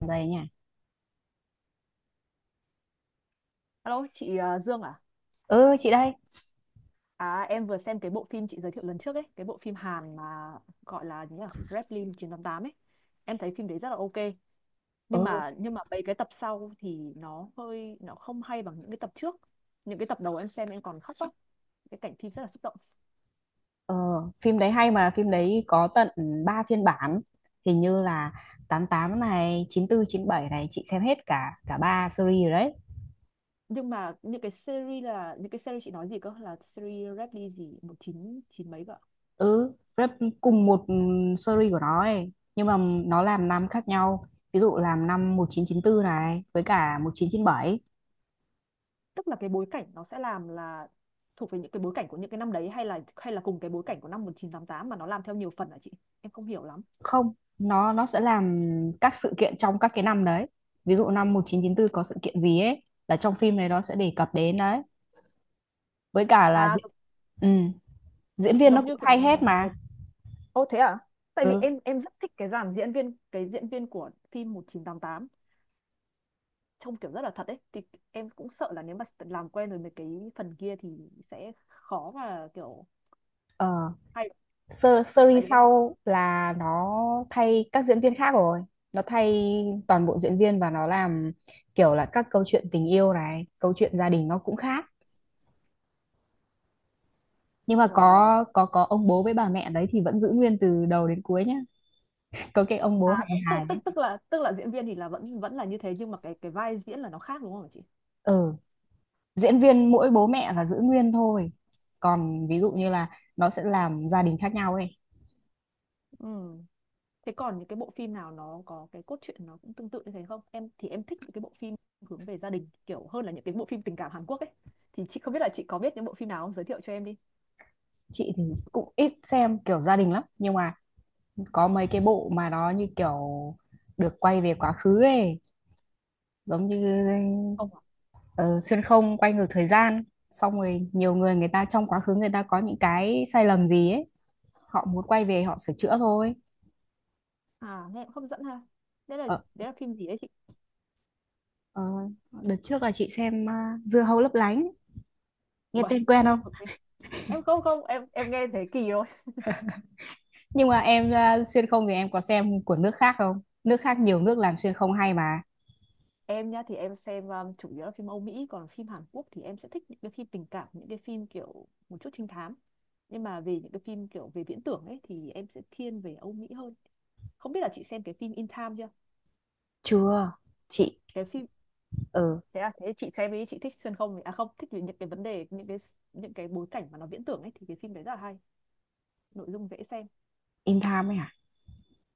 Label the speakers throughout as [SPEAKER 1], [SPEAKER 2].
[SPEAKER 1] Đây nha.
[SPEAKER 2] Alo, chị Dương à?
[SPEAKER 1] Ừ, chị đây.
[SPEAKER 2] À, em vừa xem cái bộ phim chị giới thiệu lần trước ấy, cái bộ phim Hàn mà gọi là gì nhỉ? Gremlin 988 ấy. Em thấy phim đấy rất là ok, nhưng
[SPEAKER 1] Ừ.
[SPEAKER 2] mà nhưng mà mấy cái tập sau thì nó không hay bằng những cái tập trước. Những cái tập đầu em xem em còn khóc lắm, cái cảnh phim rất là xúc động.
[SPEAKER 1] ờ, Phim đấy hay mà phim đấy có tận 3 phiên bản, hình như là 88 này, 94, 97 này, chị xem hết cả cả ba series rồi đấy.
[SPEAKER 2] Nhưng mà những cái series là những cái series chị nói gì cơ, là series Gremlin gì 19 chín chín mấy cơ ạ?
[SPEAKER 1] Ừ, rất cùng một series của nó ấy, nhưng mà nó làm năm khác nhau. Ví dụ làm năm 1994 này với cả 1997.
[SPEAKER 2] Tức là cái bối cảnh nó sẽ làm là thuộc về những cái bối cảnh của những cái năm đấy hay là cùng cái bối cảnh của năm 1988 mà nó làm theo nhiều phần hả chị? Em không hiểu lắm.
[SPEAKER 1] Không, nó sẽ làm các sự kiện trong các cái năm đấy. Ví dụ năm 1994 có sự kiện gì ấy là trong phim này nó sẽ đề cập đến đấy, với cả là
[SPEAKER 2] À, giống
[SPEAKER 1] ừ. Diễn viên nó
[SPEAKER 2] giống
[SPEAKER 1] cũng
[SPEAKER 2] như kiểu
[SPEAKER 1] thay hết mà.
[SPEAKER 2] một ô, thế à? Tại vì
[SPEAKER 1] Ừ.
[SPEAKER 2] em rất thích cái dàn diễn viên, cái diễn viên của phim 1988 trông kiểu rất là thật ấy, thì em cũng sợ là nếu mà làm quen rồi mấy cái phần kia thì sẽ khó mà kiểu
[SPEAKER 1] Ờ.
[SPEAKER 2] hay, tại
[SPEAKER 1] Series
[SPEAKER 2] vì em
[SPEAKER 1] sau là nó thay các diễn viên khác rồi. Nó thay toàn bộ diễn viên và nó làm kiểu là các câu chuyện tình yêu này, câu chuyện gia đình nó cũng khác. Nhưng mà
[SPEAKER 2] ờ,
[SPEAKER 1] có ông bố với bà mẹ đấy thì vẫn giữ nguyên từ đầu đến cuối nhá. Có cái ông bố
[SPEAKER 2] à,
[SPEAKER 1] hài hài
[SPEAKER 2] tức tức
[SPEAKER 1] ấy.
[SPEAKER 2] tức là diễn viên thì là vẫn vẫn là như thế nhưng mà cái vai diễn là nó khác đúng không hả chị?
[SPEAKER 1] Ừ, diễn viên mỗi bố mẹ là giữ nguyên thôi. Còn ví dụ như là nó sẽ làm gia đình khác nhau ấy.
[SPEAKER 2] Ừ. Thế còn những cái bộ phim nào nó có cái cốt truyện nó cũng tương tự như thế không? Em thì em thích những cái bộ phim hướng về gia đình kiểu hơn là những cái bộ phim tình cảm Hàn Quốc ấy. Thì chị không biết là chị có biết những bộ phim nào không? Giới thiệu cho em đi.
[SPEAKER 1] Chị thì cũng ít xem kiểu gia đình lắm, nhưng mà có mấy cái bộ mà nó như kiểu được quay về quá khứ ấy, giống như
[SPEAKER 2] Không à?
[SPEAKER 1] ờ, xuyên không, quay ngược thời gian, xong rồi nhiều người người ta trong quá khứ người ta có những cái sai lầm gì ấy, họ muốn quay về họ sửa chữa thôi.
[SPEAKER 2] À, nghe cũng hấp dẫn ha. Đấy là
[SPEAKER 1] ờ,
[SPEAKER 2] đấy là phim gì đấy chị?
[SPEAKER 1] ờ, Đợt trước là chị xem, Dưa hấu lấp lánh, nghe
[SPEAKER 2] Uầy,
[SPEAKER 1] tên quen không?
[SPEAKER 2] ok. Em không không, em nghe thấy kỳ rồi.
[SPEAKER 1] Nhưng mà em, xuyên không thì em có xem của nước khác không? Nước khác nhiều nước làm xuyên không hay mà.
[SPEAKER 2] Em nhá thì em xem chủ yếu là phim Âu Mỹ, còn phim Hàn Quốc thì em sẽ thích những cái phim tình cảm, những cái phim kiểu một chút trinh thám. Nhưng mà về những cái phim kiểu về viễn tưởng ấy thì em sẽ thiên về Âu Mỹ hơn. Không biết là chị xem cái phim In Time chưa?
[SPEAKER 1] Chưa, chị.
[SPEAKER 2] Cái phim
[SPEAKER 1] ờ
[SPEAKER 2] Thế à? Thế chị xem đi, chị thích xuyên không à không, thích về những cái vấn đề những cái bối cảnh mà nó viễn tưởng ấy thì cái phim đấy rất là hay, nội dung dễ xem.
[SPEAKER 1] In Time ấy hả?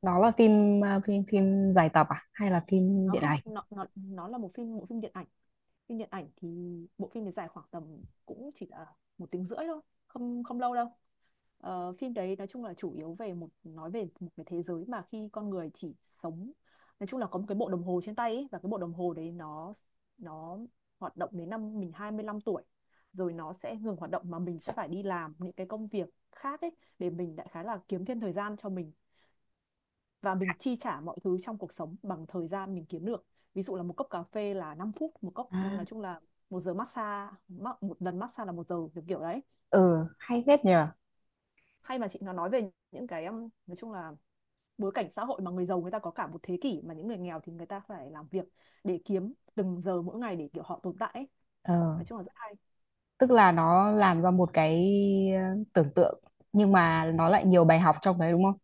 [SPEAKER 1] Đó là phim, phim dài tập à hay là phim
[SPEAKER 2] nó
[SPEAKER 1] điện
[SPEAKER 2] không
[SPEAKER 1] ảnh?
[SPEAKER 2] nó nó nó là một phim bộ phim điện ảnh, phim điện ảnh thì bộ phim này dài khoảng tầm cũng chỉ là một tiếng rưỡi thôi, không không lâu đâu. Phim đấy nói chung là chủ yếu về nói về một cái thế giới mà khi con người chỉ sống, nói chung là có một cái bộ đồng hồ trên tay ấy, và cái bộ đồng hồ đấy nó hoạt động đến năm mình 25 tuổi rồi nó sẽ ngừng hoạt động mà mình sẽ phải đi làm những cái công việc khác ấy, để mình đại khái là kiếm thêm thời gian cho mình và mình chi trả mọi thứ trong cuộc sống bằng thời gian mình kiếm được. Ví dụ là một cốc cà phê là 5 phút một cốc,
[SPEAKER 1] À,
[SPEAKER 2] nói chung là một giờ massage một lần massage là một giờ, kiểu kiểu đấy.
[SPEAKER 1] ừ, hay phết nhờ.
[SPEAKER 2] Hay mà chị, nó nói về những cái nói chung là bối cảnh xã hội mà người giàu người ta có cả một thế kỷ mà những người nghèo thì người ta phải làm việc để kiếm từng giờ mỗi ngày để kiểu họ tồn tại ấy.
[SPEAKER 1] ờ
[SPEAKER 2] Nói chung là rất hay.
[SPEAKER 1] Tức là nó làm ra một cái tưởng tượng, nhưng mà nó lại nhiều bài học trong đấy đúng không?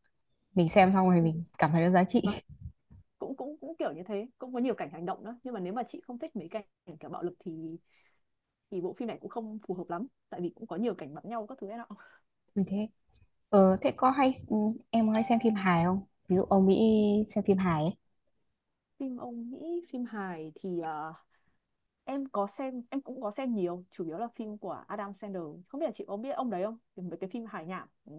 [SPEAKER 1] Mình xem xong rồi
[SPEAKER 2] Ừ.
[SPEAKER 1] mình cảm thấy nó giá trị.
[SPEAKER 2] Vâng, cũng cũng cũng kiểu như thế, cũng có nhiều cảnh hành động nữa nhưng mà nếu mà chị không thích mấy cảnh kiểu bạo lực thì bộ phim này cũng không phù hợp lắm tại vì cũng có nhiều cảnh bắn nhau các thứ ấy nọ.
[SPEAKER 1] Như thế. Thế có hay, em có hay xem phim hài không, ví dụ ông Mỹ, xem phim hài ấy?
[SPEAKER 2] Phim Âu Mỹ phim hài thì em có xem, em cũng có xem nhiều, chủ yếu là phim của Adam Sandler, không biết là chị có biết ông đấy không? Thì mấy cái phim hài nhảm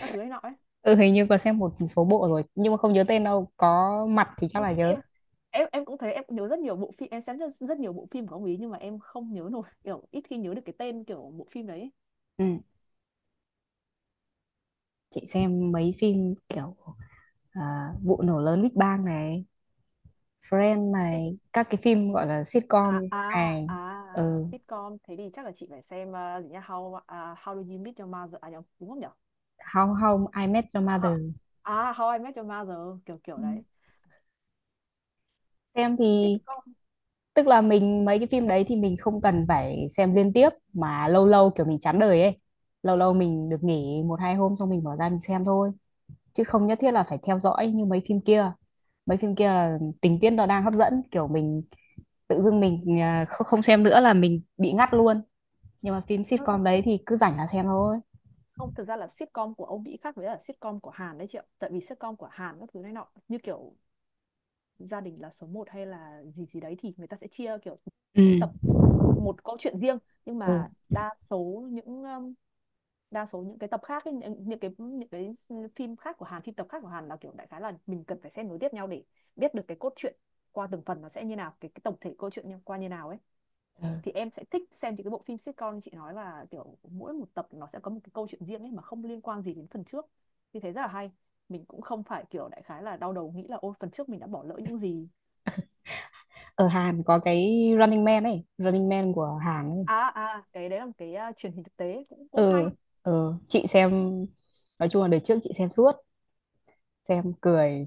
[SPEAKER 2] các thứ ấy nọ ấy.
[SPEAKER 1] Ừ, hình như có xem một số bộ rồi nhưng mà không nhớ tên đâu, có mặt thì chắc
[SPEAKER 2] em
[SPEAKER 1] là nhớ.
[SPEAKER 2] em em em cũng thấy em nhớ rất nhiều bộ phim, em xem rất, rất nhiều bộ phim của ông ấy nhưng mà em không nhớ nổi, kiểu ít khi nhớ được cái tên kiểu bộ phim đấy.
[SPEAKER 1] Ừ, chị xem mấy phim kiểu, à, vụ nổ lớn Big Bang này, Friends
[SPEAKER 2] Thế-
[SPEAKER 1] này, các cái phim gọi là sitcom,
[SPEAKER 2] À à
[SPEAKER 1] hài. Ừ.
[SPEAKER 2] à, sitcom, thế thì chắc là chị phải xem gì nhá, how how do you meet your mother, à nhầm, đúng không nhở?
[SPEAKER 1] Hồng Hồng I Met Your
[SPEAKER 2] Ho-
[SPEAKER 1] Mother.
[SPEAKER 2] how I met your mother, kiểu kiểu đấy.
[SPEAKER 1] Xem thì
[SPEAKER 2] Sitcom.
[SPEAKER 1] tức là mình, mấy cái phim đấy thì mình không cần phải xem liên tiếp, mà lâu lâu kiểu mình chán đời ấy, lâu lâu mình được nghỉ một hai hôm xong mình bỏ ra mình xem thôi, chứ không nhất thiết là phải theo dõi như mấy phim kia. Mấy phim kia là tình tiết nó đang hấp dẫn kiểu mình tự dưng
[SPEAKER 2] Đúng
[SPEAKER 1] mình
[SPEAKER 2] rồi.
[SPEAKER 1] không xem nữa là mình bị ngắt luôn. Nhưng mà phim
[SPEAKER 2] Ơ,
[SPEAKER 1] sitcom đấy thì cứ rảnh là xem thôi.
[SPEAKER 2] không, thực ra là sitcom của Âu Mỹ khác với là sitcom của Hàn đấy chị ạ, tại vì sitcom của Hàn các thứ này nọ như kiểu gia đình là số một hay là gì gì đấy thì người ta sẽ chia kiểu
[SPEAKER 1] Ừ.
[SPEAKER 2] mỗi tập một câu chuyện riêng, nhưng
[SPEAKER 1] Ừ.
[SPEAKER 2] mà đa số những cái tập khác ấy, những cái phim tập khác của Hàn là kiểu đại khái là mình cần phải xem nối tiếp nhau để biết được cái cốt truyện qua từng phần, nó sẽ như nào, cái tổng thể câu chuyện qua như nào ấy,
[SPEAKER 1] Ừ.
[SPEAKER 2] thì em sẽ thích xem những cái bộ phim sitcom như chị nói là kiểu mỗi một tập nó sẽ có một cái câu chuyện riêng ấy mà không liên quan gì đến phần trước, thì thấy rất là hay, mình cũng không phải kiểu đại khái là đau đầu nghĩ là ôi phần trước mình đã bỏ lỡ những gì.
[SPEAKER 1] Ở Hàn có cái Running Man ấy, Running Man của Hàn ấy.
[SPEAKER 2] À à, cái đấy là một cái truyền hình thực tế, cũng cũng
[SPEAKER 1] Ừ.
[SPEAKER 2] hay.
[SPEAKER 1] Ừ, chị xem, nói chung là đời trước chị xem suốt, xem cười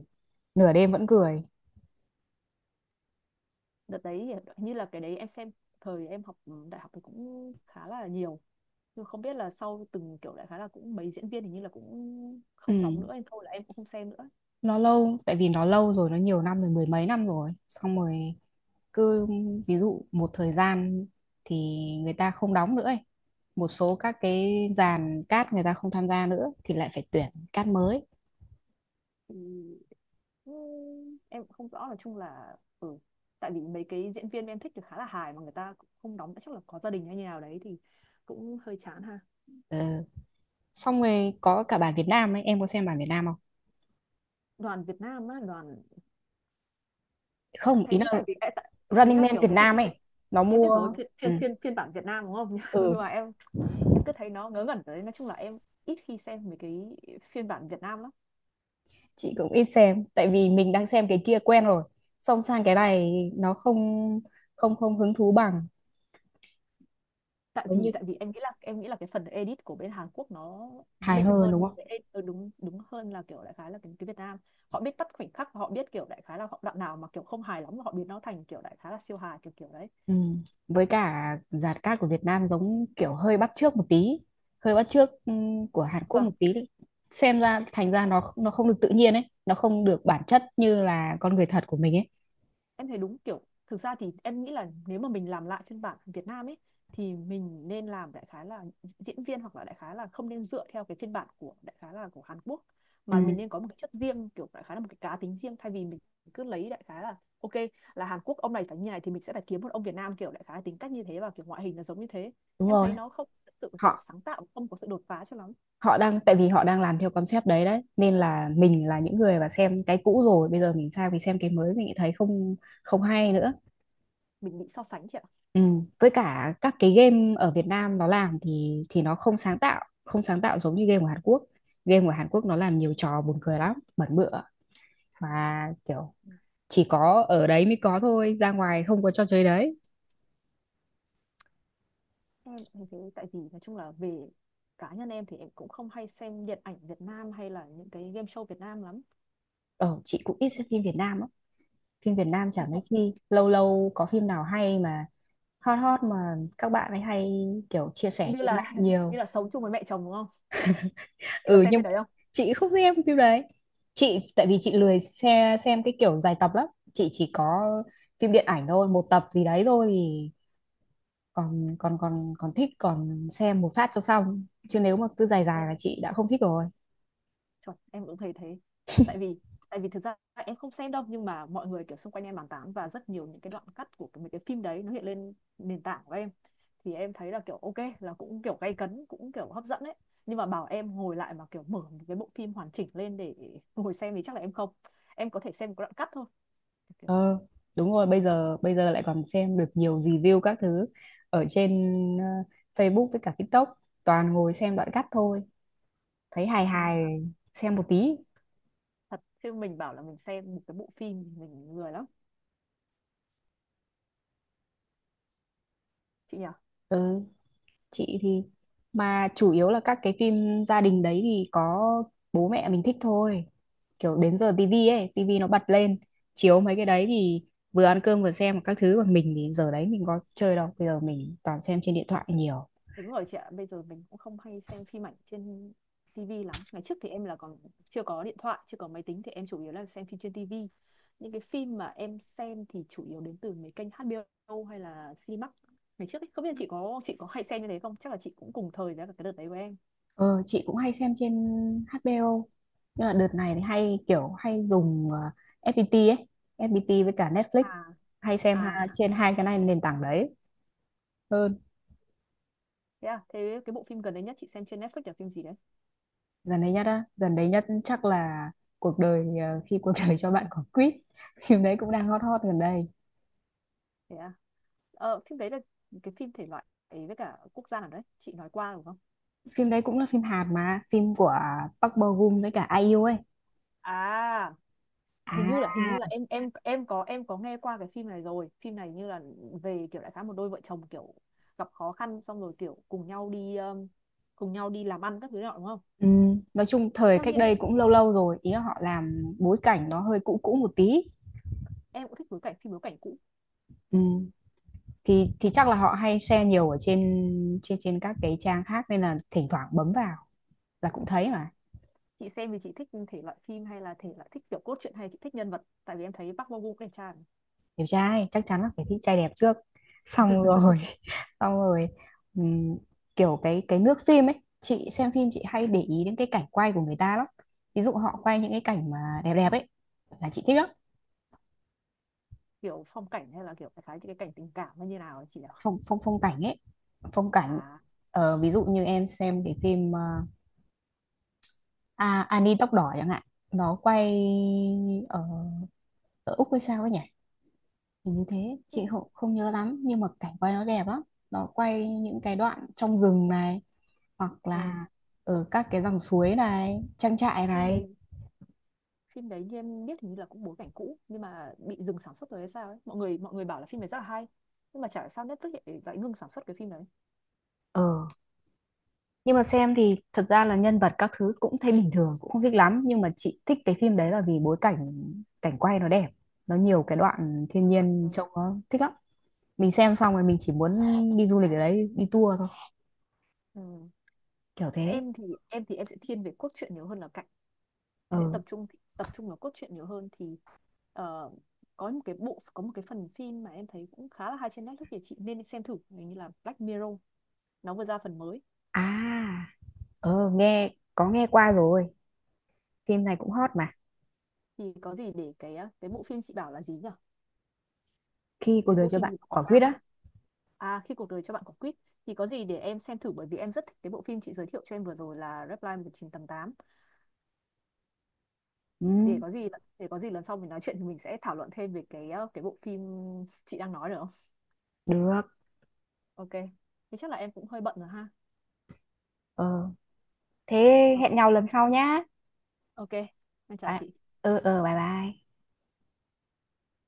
[SPEAKER 1] nửa đêm vẫn cười.
[SPEAKER 2] Đợt đấy thì như là cái đấy em xem thời em học đại học thì cũng khá là nhiều, nhưng không biết là sau từng kiểu đại khái là cũng mấy diễn viên hình như là cũng
[SPEAKER 1] Ừ,
[SPEAKER 2] không đóng nữa nên thôi là em cũng không xem nữa.
[SPEAKER 1] nó lâu, tại vì nó lâu rồi, nó nhiều năm rồi, mười mấy năm rồi, xong rồi cứ ví dụ một thời gian thì người ta không đóng nữa ấy. Một số các cái dàn cát người ta không tham gia nữa thì lại phải tuyển cát mới.
[SPEAKER 2] Thì ừ, em cũng không rõ, nói chung là ừ, tại vì mấy cái diễn viên em thích thì khá là hài mà người ta cũng không đóng, chắc là có gia đình hay như nào đấy thì cũng hơi chán ha.
[SPEAKER 1] Ừ. Xong rồi có cả bản Việt Nam ấy, em có xem bản Việt Nam không?
[SPEAKER 2] Đoàn Việt Nam á? Đoàn,
[SPEAKER 1] Không, ý
[SPEAKER 2] thấy
[SPEAKER 1] là
[SPEAKER 2] tại vì ý
[SPEAKER 1] Running
[SPEAKER 2] là
[SPEAKER 1] Man
[SPEAKER 2] kiểu
[SPEAKER 1] Việt
[SPEAKER 2] cái phim,
[SPEAKER 1] Nam ấy, nó
[SPEAKER 2] em biết rồi,
[SPEAKER 1] mua.
[SPEAKER 2] phiên
[SPEAKER 1] Ừ.
[SPEAKER 2] phiên phiên phiên bản Việt Nam đúng không? Nhưng
[SPEAKER 1] Ừ,
[SPEAKER 2] mà em cứ thấy nó ngớ ngẩn đấy, nói chung là em ít khi xem mấy cái phiên bản Việt Nam lắm.
[SPEAKER 1] chị cũng ít xem tại vì mình đang xem cái kia quen rồi, xong sang cái này nó không không không hứng thú bằng,
[SPEAKER 2] tại vì
[SPEAKER 1] giống như
[SPEAKER 2] tại vì em nghĩ là cái phần edit của bên Hàn Quốc nó
[SPEAKER 1] hài
[SPEAKER 2] đỉnh
[SPEAKER 1] hơn đúng
[SPEAKER 2] hơn
[SPEAKER 1] không?
[SPEAKER 2] đúng, đúng hơn là kiểu đại khái là cái Việt Nam, họ biết bắt khoảnh khắc, họ biết kiểu đại khái là họ đoạn nào mà kiểu không hài lắm họ biến nó thành kiểu đại khái là siêu hài, kiểu kiểu đấy.
[SPEAKER 1] Ừ. Với cả dàn cát của Việt Nam giống kiểu hơi bắt chước một tí, hơi bắt chước của Hàn Quốc
[SPEAKER 2] Vâng.
[SPEAKER 1] một tí, xem ra thành ra nó không được tự nhiên ấy, nó không được bản chất như là con người thật của mình ấy.
[SPEAKER 2] Em thấy đúng kiểu, thực ra thì em nghĩ là nếu mà mình làm lại phiên bản Việt Nam ấy thì mình nên làm đại khái là diễn viên hoặc là đại khái là không nên dựa theo cái phiên bản của đại khái là của Hàn Quốc,
[SPEAKER 1] Ừ.
[SPEAKER 2] mà mình nên có một cái chất riêng kiểu đại khái là một cái cá tính riêng, thay vì mình cứ lấy đại khái là ok là Hàn Quốc ông này phải như này thì mình sẽ phải kiếm một ông Việt Nam kiểu đại khái tính cách như thế và kiểu ngoại hình là giống như thế.
[SPEAKER 1] Đúng
[SPEAKER 2] Em
[SPEAKER 1] rồi,
[SPEAKER 2] thấy nó không thực sự kiểu
[SPEAKER 1] họ
[SPEAKER 2] sáng tạo, không có sự đột phá cho lắm.
[SPEAKER 1] họ đang, tại vì họ đang làm theo concept đấy đấy, nên là mình là những người mà xem cái cũ rồi bây giờ mình sang mình xem cái mới mình thấy không không hay nữa.
[SPEAKER 2] Mình bị so sánh chị ạ.
[SPEAKER 1] Ừ. Với cả các cái game ở Việt Nam nó làm thì nó không sáng tạo, không sáng tạo giống như game của Hàn Quốc. Game của Hàn Quốc nó làm nhiều trò buồn cười lắm, bẩn bựa và kiểu chỉ có ở đấy mới có thôi, ra ngoài không có trò chơi đấy.
[SPEAKER 2] Em thấy thế, tại vì nói chung là về cá nhân em thì em cũng không hay xem điện ảnh Việt Nam hay là những cái game show Việt Nam lắm.
[SPEAKER 1] Ờ chị cũng ít xem phim Việt Nam á. Phim Việt Nam chả
[SPEAKER 2] Thì
[SPEAKER 1] mấy
[SPEAKER 2] cũng
[SPEAKER 1] khi, lâu lâu có phim nào hay mà hot hot mà các bạn ấy hay kiểu chia sẻ
[SPEAKER 2] như
[SPEAKER 1] trên mạng
[SPEAKER 2] là như
[SPEAKER 1] nhiều.
[SPEAKER 2] là sống chung với mẹ chồng đúng không? Chị có
[SPEAKER 1] Ừ,
[SPEAKER 2] xem
[SPEAKER 1] nhưng
[SPEAKER 2] phim
[SPEAKER 1] mà
[SPEAKER 2] đấy không?
[SPEAKER 1] chị không xem phim đấy. Chị tại vì chị lười xem, cái kiểu dài tập lắm. Chị chỉ có phim điện ảnh thôi, một tập gì đấy thôi thì còn còn còn còn thích, còn xem một phát cho xong, chứ nếu mà cứ dài
[SPEAKER 2] Em
[SPEAKER 1] dài là chị đã không thích rồi.
[SPEAKER 2] chuẩn, em cũng thấy thế. Tại vì tại vì thực ra em không xem đâu nhưng mà mọi người kiểu xung quanh em bàn tán và rất nhiều những cái đoạn cắt mấy cái phim đấy nó hiện lên nền tảng của em, thì em thấy là kiểu ok là cũng kiểu gay cấn cũng kiểu hấp dẫn ấy, nhưng mà bảo em ngồi lại mà kiểu mở một cái bộ phim hoàn chỉnh lên để ngồi xem thì chắc là em không. Em có thể xem một cái đoạn cắt thôi, kiểu,
[SPEAKER 1] ờ Đúng rồi, bây giờ lại còn xem được nhiều review các thứ ở trên, ờ, Facebook với cả TikTok, toàn ngồi xem đoạn cắt thôi, thấy hài
[SPEAKER 2] ừ,
[SPEAKER 1] hài xem một tí.
[SPEAKER 2] thật chứ mình bảo là mình xem một cái bộ phim thì mình lười lắm chị nhỉ.
[SPEAKER 1] Ừ, chị thì, mà chủ yếu là các cái phim gia đình đấy thì có bố mẹ mình thích thôi, kiểu đến giờ tivi ấy, tivi nó bật lên chiếu mấy cái đấy thì vừa ăn cơm vừa xem các thứ, còn mình thì giờ đấy mình có chơi đâu, bây giờ mình toàn xem trên điện thoại nhiều.
[SPEAKER 2] Đúng rồi chị ạ, bây giờ mình cũng không hay xem phim ảnh trên tivi lắm. Ngày trước thì em là còn chưa có điện thoại, chưa có máy tính thì em chủ yếu là xem phim trên tivi. Những cái phim mà em xem thì chủ yếu đến từ mấy kênh HBO hay là Cinemax ngày trước ấy. Không biết là chị có, chị có hay xem như thế không, chắc là chị cũng cùng thời với cả cái đợt đấy của em.
[SPEAKER 1] Ờ chị cũng hay xem trên HBO, nhưng mà đợt này thì hay kiểu hay dùng FPT ấy, FPT với cả Netflix, hay xem
[SPEAKER 2] À
[SPEAKER 1] ha,
[SPEAKER 2] à,
[SPEAKER 1] trên hai cái này nền tảng đấy. Ừ.
[SPEAKER 2] thế à? Thế cái bộ phim gần đây nhất chị xem trên Netflix là phim gì đấy?
[SPEAKER 1] Dần đấy nhất á, dần đấy nhất chắc là cuộc đời, khi cuộc đời cho bạn quả quýt. Phim đấy cũng đang hot hot gần đây.
[SPEAKER 2] Thế à? Ờ, phim đấy là cái phim thể loại ấy với cả quốc gia nào đấy chị nói qua đúng không?
[SPEAKER 1] Phim đấy cũng là phim Hàn mà, phim của Park Bo Gum với cả IU ấy.
[SPEAKER 2] À,
[SPEAKER 1] À.
[SPEAKER 2] hình như là có, em có nghe qua cái phim này rồi. Phim này như là về kiểu đại khái một đôi vợ chồng kiểu gặp khó khăn xong rồi kiểu cùng nhau đi làm ăn các thứ đó đúng không?
[SPEAKER 1] Ừ, nói chung thời
[SPEAKER 2] Theo
[SPEAKER 1] cách
[SPEAKER 2] như
[SPEAKER 1] đây cũng lâu lâu rồi, ý là họ làm bối cảnh nó hơi cũ cũ một tí.
[SPEAKER 2] em cũng thích bối cảnh cũ.
[SPEAKER 1] Ừ, thì chắc là họ hay share nhiều ở trên, trên các cái trang khác nên là thỉnh thoảng bấm vào là cũng thấy mà.
[SPEAKER 2] Chị xem thì chị thích thể loại phim hay là thể loại thích kiểu cốt truyện hay chị thích nhân vật? Tại vì em thấy Park Bo Gum cũng đẹp trai mà.
[SPEAKER 1] Đẹp trai chắc chắn là phải thích trai đẹp trước, xong rồi xong rồi ừm, kiểu cái nước phim ấy, chị xem phim chị hay để ý đến cái cảnh quay của người ta lắm, ví dụ họ quay những cái cảnh mà đẹp đẹp ấy là chị thích lắm.
[SPEAKER 2] Kiểu phong cảnh hay là kiểu đại khái những cái cảnh tình cảm hay như nào ấy chị nhỉ?
[SPEAKER 1] Phong phong Phong cảnh ấy, phong cảnh.
[SPEAKER 2] À,
[SPEAKER 1] Ờ, ví dụ như em xem cái phim, Annie tóc đỏ chẳng hạn, nó quay ở ở Úc hay sao ấy nhỉ. Hình như thế, chị
[SPEAKER 2] phim,
[SPEAKER 1] không nhớ lắm nhưng mà cảnh quay nó đẹp lắm, nó quay những cái đoạn trong rừng này hoặc
[SPEAKER 2] ờ,
[SPEAKER 1] là ở các cái dòng suối này, trang trại
[SPEAKER 2] phim
[SPEAKER 1] này.
[SPEAKER 2] đấy phim đấy như em biết hình như là cũng bối cảnh cũ nhưng mà bị dừng sản xuất rồi hay sao ấy, mọi người bảo là phim này rất là hay, nhưng mà chả hiểu sao Netflix lại ngưng sản xuất cái phim đấy.
[SPEAKER 1] Ờ, nhưng mà xem thì thật ra là nhân vật các thứ cũng thấy bình thường, cũng không thích lắm. Nhưng mà chị thích cái phim đấy là vì bối cảnh, cảnh quay nó đẹp. Nó nhiều cái đoạn thiên nhiên
[SPEAKER 2] Ừ.
[SPEAKER 1] trông nó thích lắm. Mình xem xong rồi mình chỉ muốn đi du lịch ở đấy, đi tour thôi.
[SPEAKER 2] Ừ.
[SPEAKER 1] Kiểu thế.
[SPEAKER 2] em thì em sẽ thiên về cốt truyện nhiều hơn là cảnh.
[SPEAKER 1] Ờ,
[SPEAKER 2] Em sẽ tập trung vào cốt truyện nhiều hơn thì ờ, có một cái phần phim mà em thấy cũng khá là hay trên Netflix thì chị nên xem thử, hình như là Black Mirror, nó vừa ra phần mới.
[SPEAKER 1] à, Nghe, có nghe qua rồi. Phim này cũng hot mà.
[SPEAKER 2] Thì có gì để cái bộ phim chị bảo là gì nhỉ,
[SPEAKER 1] Khi cuộc
[SPEAKER 2] cái
[SPEAKER 1] đời
[SPEAKER 2] bộ
[SPEAKER 1] cho
[SPEAKER 2] phim
[SPEAKER 1] bạn
[SPEAKER 2] gì của Quảng
[SPEAKER 1] quả quýt
[SPEAKER 2] Nam ấy.
[SPEAKER 1] á.
[SPEAKER 2] À, khi cuộc đời cho bạn quả quýt, thì có gì để em xem thử, bởi vì em rất thích cái bộ phim chị giới thiệu cho em vừa rồi là Reply 1988.
[SPEAKER 1] Ừ,
[SPEAKER 2] Để có gì để có gì lần sau mình nói chuyện thì mình sẽ thảo luận thêm về cái cái bộ phim chị đang nói được không?
[SPEAKER 1] được.
[SPEAKER 2] Ok. Thì chắc là em cũng hơi bận rồi ha.
[SPEAKER 1] Ờ, Thế
[SPEAKER 2] Ok.
[SPEAKER 1] hẹn nhau lần sau nhá.
[SPEAKER 2] Ok. Em chào
[SPEAKER 1] Bye.
[SPEAKER 2] chị.
[SPEAKER 1] Ừ bye bye.